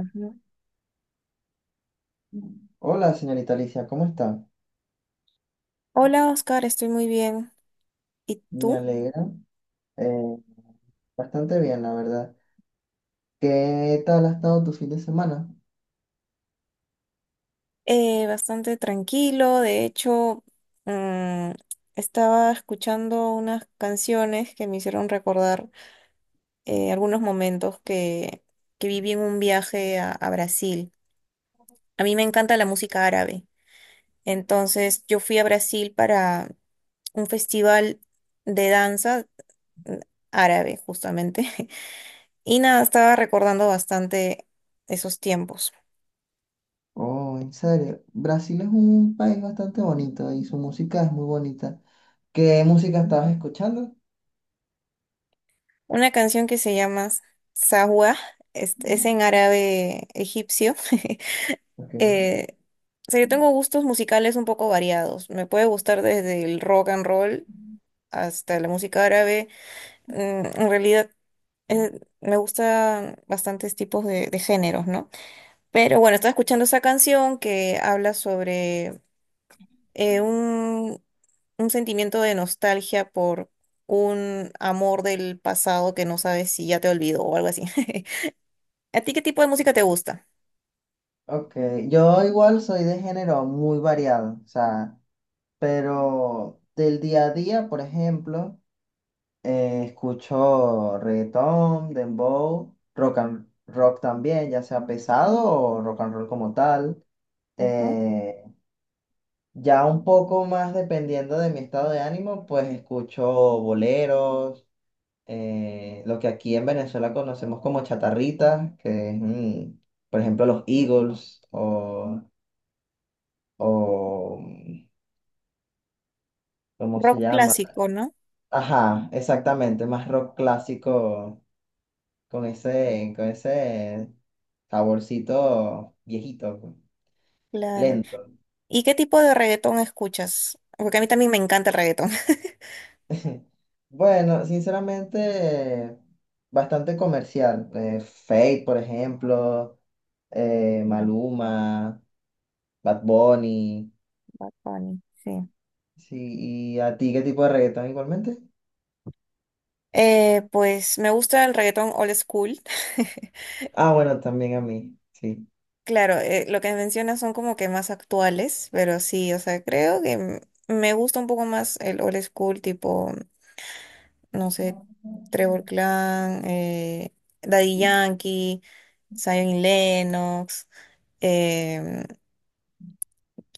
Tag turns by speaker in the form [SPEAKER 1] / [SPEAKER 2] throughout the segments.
[SPEAKER 1] Ujú.
[SPEAKER 2] Hola, señorita Alicia, ¿cómo está?
[SPEAKER 1] Hola Oscar, estoy muy bien. ¿Y
[SPEAKER 2] Me
[SPEAKER 1] tú?
[SPEAKER 2] alegra. eh, Bastante bien, la verdad. ¿Qué tal ha estado tu fin de semana?
[SPEAKER 1] Bastante tranquilo. De hecho, mm, estaba escuchando unas canciones que me hicieron recordar algunos momentos que viví en un viaje a Brasil. A mí me encanta la música árabe. Entonces, yo fui a Brasil para un festival de danza mm, árabe, justamente. Y nada, estaba recordando bastante esos tiempos.
[SPEAKER 2] Oh, ¿en serio? Brasil es un país bastante bonito y su música es muy bonita. ¿Qué música estabas escuchando?
[SPEAKER 1] Una canción que se llama Sahwa, es en árabe egipcio.
[SPEAKER 2] Ok.
[SPEAKER 1] Eh, o sea, yo tengo gustos musicales un poco variados. Me puede gustar desde el rock and roll hasta la música árabe. En realidad, me gustan bastantes tipos de géneros, ¿no? Pero bueno, estaba escuchando esa canción que habla sobre eh, un, un sentimiento de nostalgia por un amor del pasado que no sabes si ya te olvidó o algo así. ¿A ti qué tipo de música te gusta?
[SPEAKER 2] Ok, yo igual soy de género muy variado, o sea, pero del día a día, por ejemplo. Escucho reggaetón, dembow, rock and rock también, ya sea pesado o rock and roll como tal.
[SPEAKER 1] Ujú.
[SPEAKER 2] Eh, ya un poco más dependiendo de mi estado de ánimo, pues escucho boleros, lo que aquí en Venezuela conocemos como chatarritas, que es, por ejemplo, los Eagles o, ¿cómo se
[SPEAKER 1] Rock
[SPEAKER 2] llama?
[SPEAKER 1] clásico, ¿no?
[SPEAKER 2] Ajá, exactamente, más rock clásico. Con ese saborcito viejito, pues,
[SPEAKER 1] Claro.
[SPEAKER 2] lento.
[SPEAKER 1] ¿Y qué tipo de reggaetón escuchas? Porque a mí también me encanta el reggaetón.
[SPEAKER 2] Bueno, sinceramente, bastante comercial. Fate, por ejemplo,
[SPEAKER 1] Ya,
[SPEAKER 2] Maluma, Bad Bunny.
[SPEAKER 1] Bad Bunny, sí.
[SPEAKER 2] Sí, ¿y a ti qué tipo de reggaetón igualmente?
[SPEAKER 1] Pues me gusta el reggaetón old school.
[SPEAKER 2] Ah, bueno, también a mí, sí.
[SPEAKER 1] Claro, lo que mencionas son como que más actuales, pero sí, o sea, creo que me gusta un poco más el old school tipo no sé, Trevor Clan, Daddy Yankee, Zion y Lennox, em,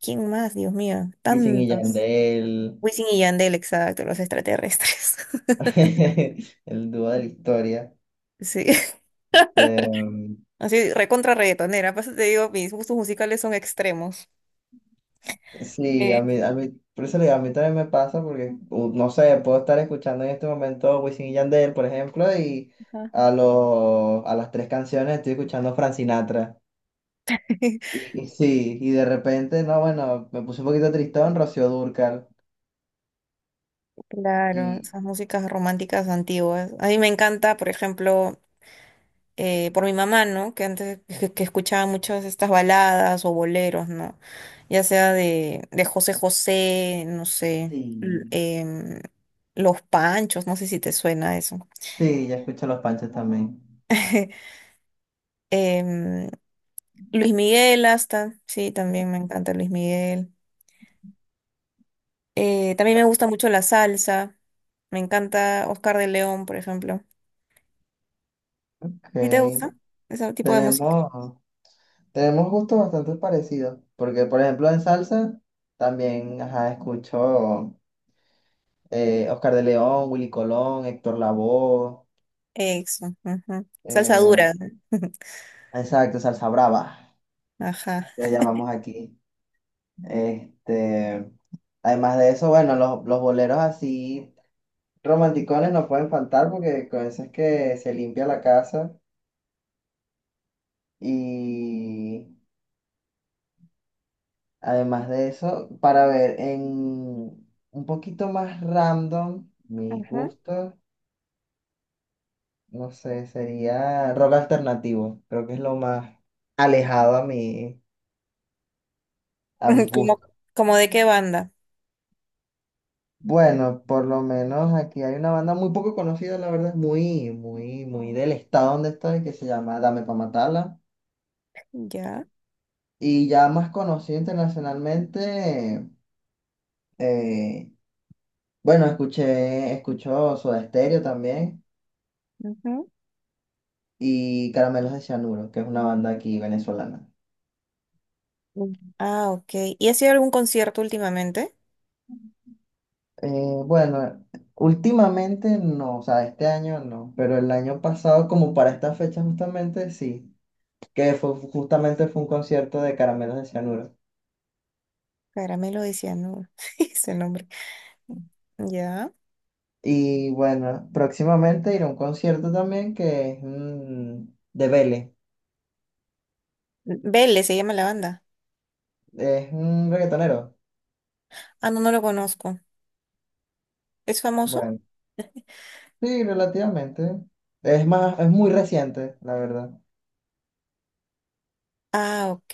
[SPEAKER 1] ¿quién más? Dios mío,
[SPEAKER 2] Wisin y
[SPEAKER 1] tantos.
[SPEAKER 2] Yandel,
[SPEAKER 1] Wisin y Yandel, exacto, los extraterrestres.
[SPEAKER 2] el dúo de la historia.
[SPEAKER 1] Sí, así recontra reggaetonera. Por eso te digo, mis gustos musicales son extremos.
[SPEAKER 2] Sí,
[SPEAKER 1] Eh,
[SPEAKER 2] a mí, por eso le digo, a mí también me pasa porque, no sé, puedo estar escuchando en este momento Wisin y Yandel, por ejemplo, y
[SPEAKER 1] ajá.
[SPEAKER 2] a las tres canciones estoy escuchando Frank Sinatra. Y sí, y de repente, no, bueno, me puse un poquito tristón, Rocío Dúrcal.
[SPEAKER 1] Claro,
[SPEAKER 2] Y
[SPEAKER 1] esas músicas románticas antiguas. A mí me encanta, por ejemplo, por mi mamá, ¿no? Que antes que escuchaba muchas de estas baladas o boleros, ¿no? Ya sea de José José, no sé, l-
[SPEAKER 2] sí,
[SPEAKER 1] em, Los Panchos, no sé si te suena eso.
[SPEAKER 2] sí, ya escucho Los Panchos también.
[SPEAKER 1] Em, Luis Miguel hasta, sí, también me encanta Luis Miguel. También me gusta mucho la salsa, me encanta Oscar de León, por ejemplo.
[SPEAKER 2] Ok,
[SPEAKER 1] ¿Sí te gusta ese tipo de música?
[SPEAKER 2] tenemos, tenemos gustos bastante parecidos, porque, por ejemplo, en salsa también, ajá, escucho. Oscar de León, Willy Colón, Héctor Lavoe,
[SPEAKER 1] Eso, ujú. Salsa
[SPEAKER 2] eh,
[SPEAKER 1] dura.
[SPEAKER 2] exacto, Salsa Brava,
[SPEAKER 1] Ajá.
[SPEAKER 2] lo llamamos aquí. Este, además de eso, bueno, los boleros así romanticones no pueden faltar porque con eso es que se limpia la casa. Y además de eso, para ver en un poquito más random, mis gustos, no sé, sería rock alternativo, creo que es lo más alejado a mis
[SPEAKER 1] ¿Como,
[SPEAKER 2] gustos.
[SPEAKER 1] como de qué banda?
[SPEAKER 2] Bueno, por lo menos aquí hay una banda muy poco conocida, la verdad, muy, muy, muy del estado donde estoy, que se llama Dame Pa' Matarla.
[SPEAKER 1] Ya.
[SPEAKER 2] Y ya más conocida internacionalmente, eh, bueno, escuchó Soda Stereo también
[SPEAKER 1] Ujú.
[SPEAKER 2] y Caramelos de Cianuro, que es una banda aquí venezolana.
[SPEAKER 1] Mm. Ah, ok. ¿Y ha sido algún concierto últimamente?
[SPEAKER 2] Bueno, últimamente no, o sea, este año no, pero el año pasado, como para esta fecha justamente, sí, justamente fue un concierto de Caramelos de Cianuro.
[SPEAKER 1] Caramelo de Cianuro. Ese nombre. Ya.
[SPEAKER 2] Y bueno, próximamente iré a un concierto también que es de Vélez.
[SPEAKER 1] Vélez se llama la banda.
[SPEAKER 2] Es un reggaetonero.
[SPEAKER 1] Ah, no, no lo conozco. ¿Es famoso?
[SPEAKER 2] Bueno, sí, relativamente. Es más, es muy reciente, la verdad.
[SPEAKER 1] Ah, ok.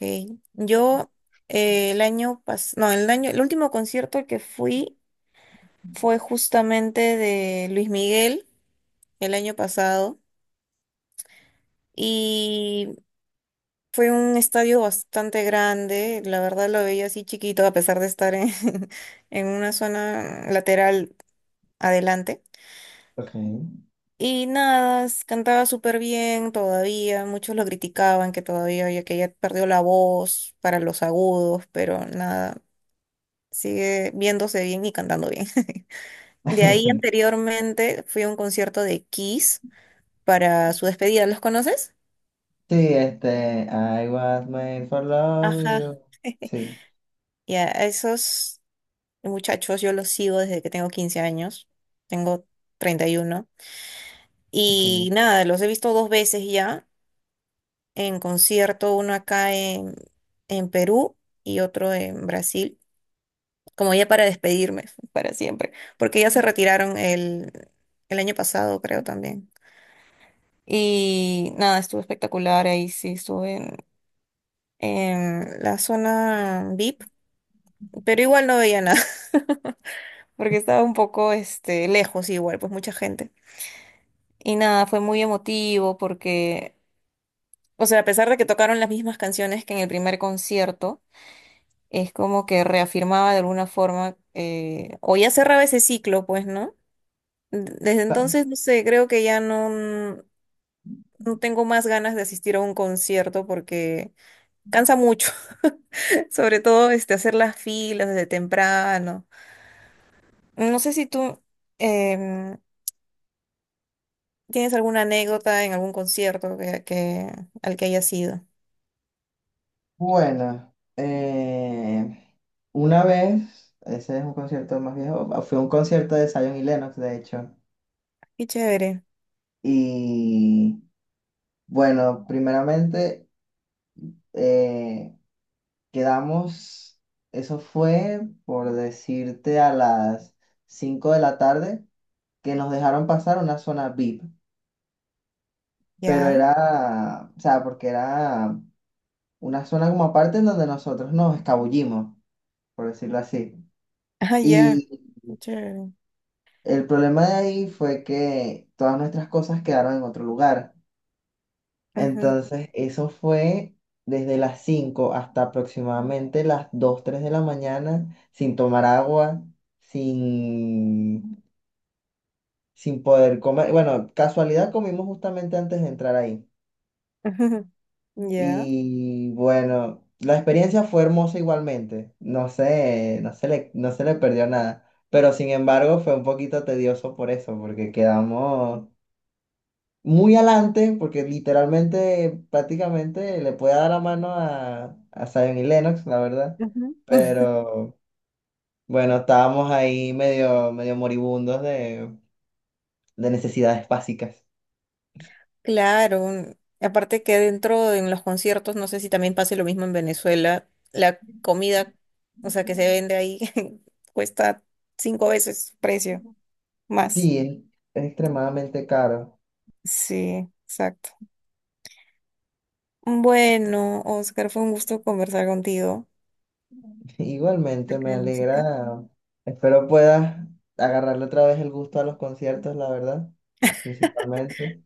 [SPEAKER 1] Yo el año pasado, no, el último concierto al que fui fue justamente de Luis Miguel el año pasado. Y fue un estadio bastante grande, la verdad lo veía así chiquito a pesar de estar en, en una zona lateral adelante.
[SPEAKER 2] Ok.
[SPEAKER 1] Y nada, cantaba súper bien todavía, muchos lo criticaban que todavía ya que ya perdió la voz para los agudos, pero nada, sigue viéndose bien y cantando bien. De ahí anteriormente fui a un concierto de Kiss para su despedida, ¿los conoces?
[SPEAKER 2] Sí, este, I was made for love
[SPEAKER 1] Ajá.
[SPEAKER 2] you. Sí,
[SPEAKER 1] Ya, esos. Muchachos, yo los sigo desde que tengo 15 años, tengo 31
[SPEAKER 2] ok.
[SPEAKER 1] y nada, los he visto dos veces ya en concierto, uno acá en Perú y otro en Brasil, como ya para despedirme para siempre, porque ya se retiraron el año pasado, creo también. Y nada, estuvo espectacular, ahí sí estuve en la zona VIP, pero igual no veía nada, porque estaba un poco este, lejos igual, pues mucha gente. Y nada, fue muy emotivo porque, o sea, a pesar de que tocaron las mismas canciones que en el primer concierto, es como que reafirmaba de alguna forma, o ya cerraba ese ciclo, pues, ¿no? Desde
[SPEAKER 2] Pa-
[SPEAKER 1] entonces, no sé, creo que ya no, no tengo más ganas de asistir a un concierto porque cansa mucho, sobre todo este, hacer las filas desde temprano. No sé si tú em, tienes alguna anécdota en algún concierto al que hayas ido.
[SPEAKER 2] Bueno, una vez, ese es un concierto más viejo, ah, fue un concierto de Zion y Lennox, de hecho.
[SPEAKER 1] Qué chévere.
[SPEAKER 2] Y bueno, primeramente. eh, Quedamos, eso fue por decirte a las 5 de la tarde, que nos dejaron pasar una zona VIP, pero
[SPEAKER 1] Ya.
[SPEAKER 2] era, o sea, porque era una zona como aparte en donde nosotros nos escabullimos, por decirlo así.
[SPEAKER 1] Ah, ya.
[SPEAKER 2] Y
[SPEAKER 1] Chévere.
[SPEAKER 2] el problema de ahí fue que todas nuestras cosas quedaron en otro lugar.
[SPEAKER 1] Ajá.
[SPEAKER 2] Entonces, eso fue desde las 5 hasta aproximadamente las 2 3 de la mañana, sin tomar agua, sin, sin poder comer. Bueno, casualidad comimos justamente antes de entrar ahí.
[SPEAKER 1] Ajá. Ya.
[SPEAKER 2] Y bueno, la experiencia fue hermosa igualmente. No sé, no se le perdió nada. Pero sin embargo, fue un poquito tedioso por eso, porque quedamos muy adelante, porque literalmente, prácticamente le puede dar la mano a Zion y Lennox, la verdad.
[SPEAKER 1] Ujú.
[SPEAKER 2] Pero bueno, estábamos ahí medio, medio moribundos de necesidades básicas.
[SPEAKER 1] Claro, aparte que en los conciertos, no sé si también pase lo mismo en Venezuela, la comida, o sea, que se vende ahí, cuesta cinco veces su precio más.
[SPEAKER 2] Sí, es extremadamente caro.
[SPEAKER 1] Sí, exacto. Bueno, Oscar, fue un gusto conversar contigo
[SPEAKER 2] Igualmente,
[SPEAKER 1] acerca
[SPEAKER 2] me
[SPEAKER 1] de música.
[SPEAKER 2] alegra. Espero puedas agarrarle otra vez el gusto a los conciertos, la verdad, principalmente.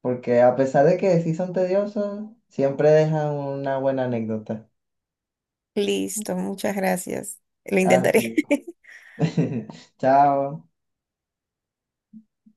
[SPEAKER 2] Porque a pesar de que sí son tediosos, siempre dejan una buena anécdota.
[SPEAKER 1] Listo, muchas gracias. Lo
[SPEAKER 2] A ti.
[SPEAKER 1] intentaré.
[SPEAKER 2] Chao.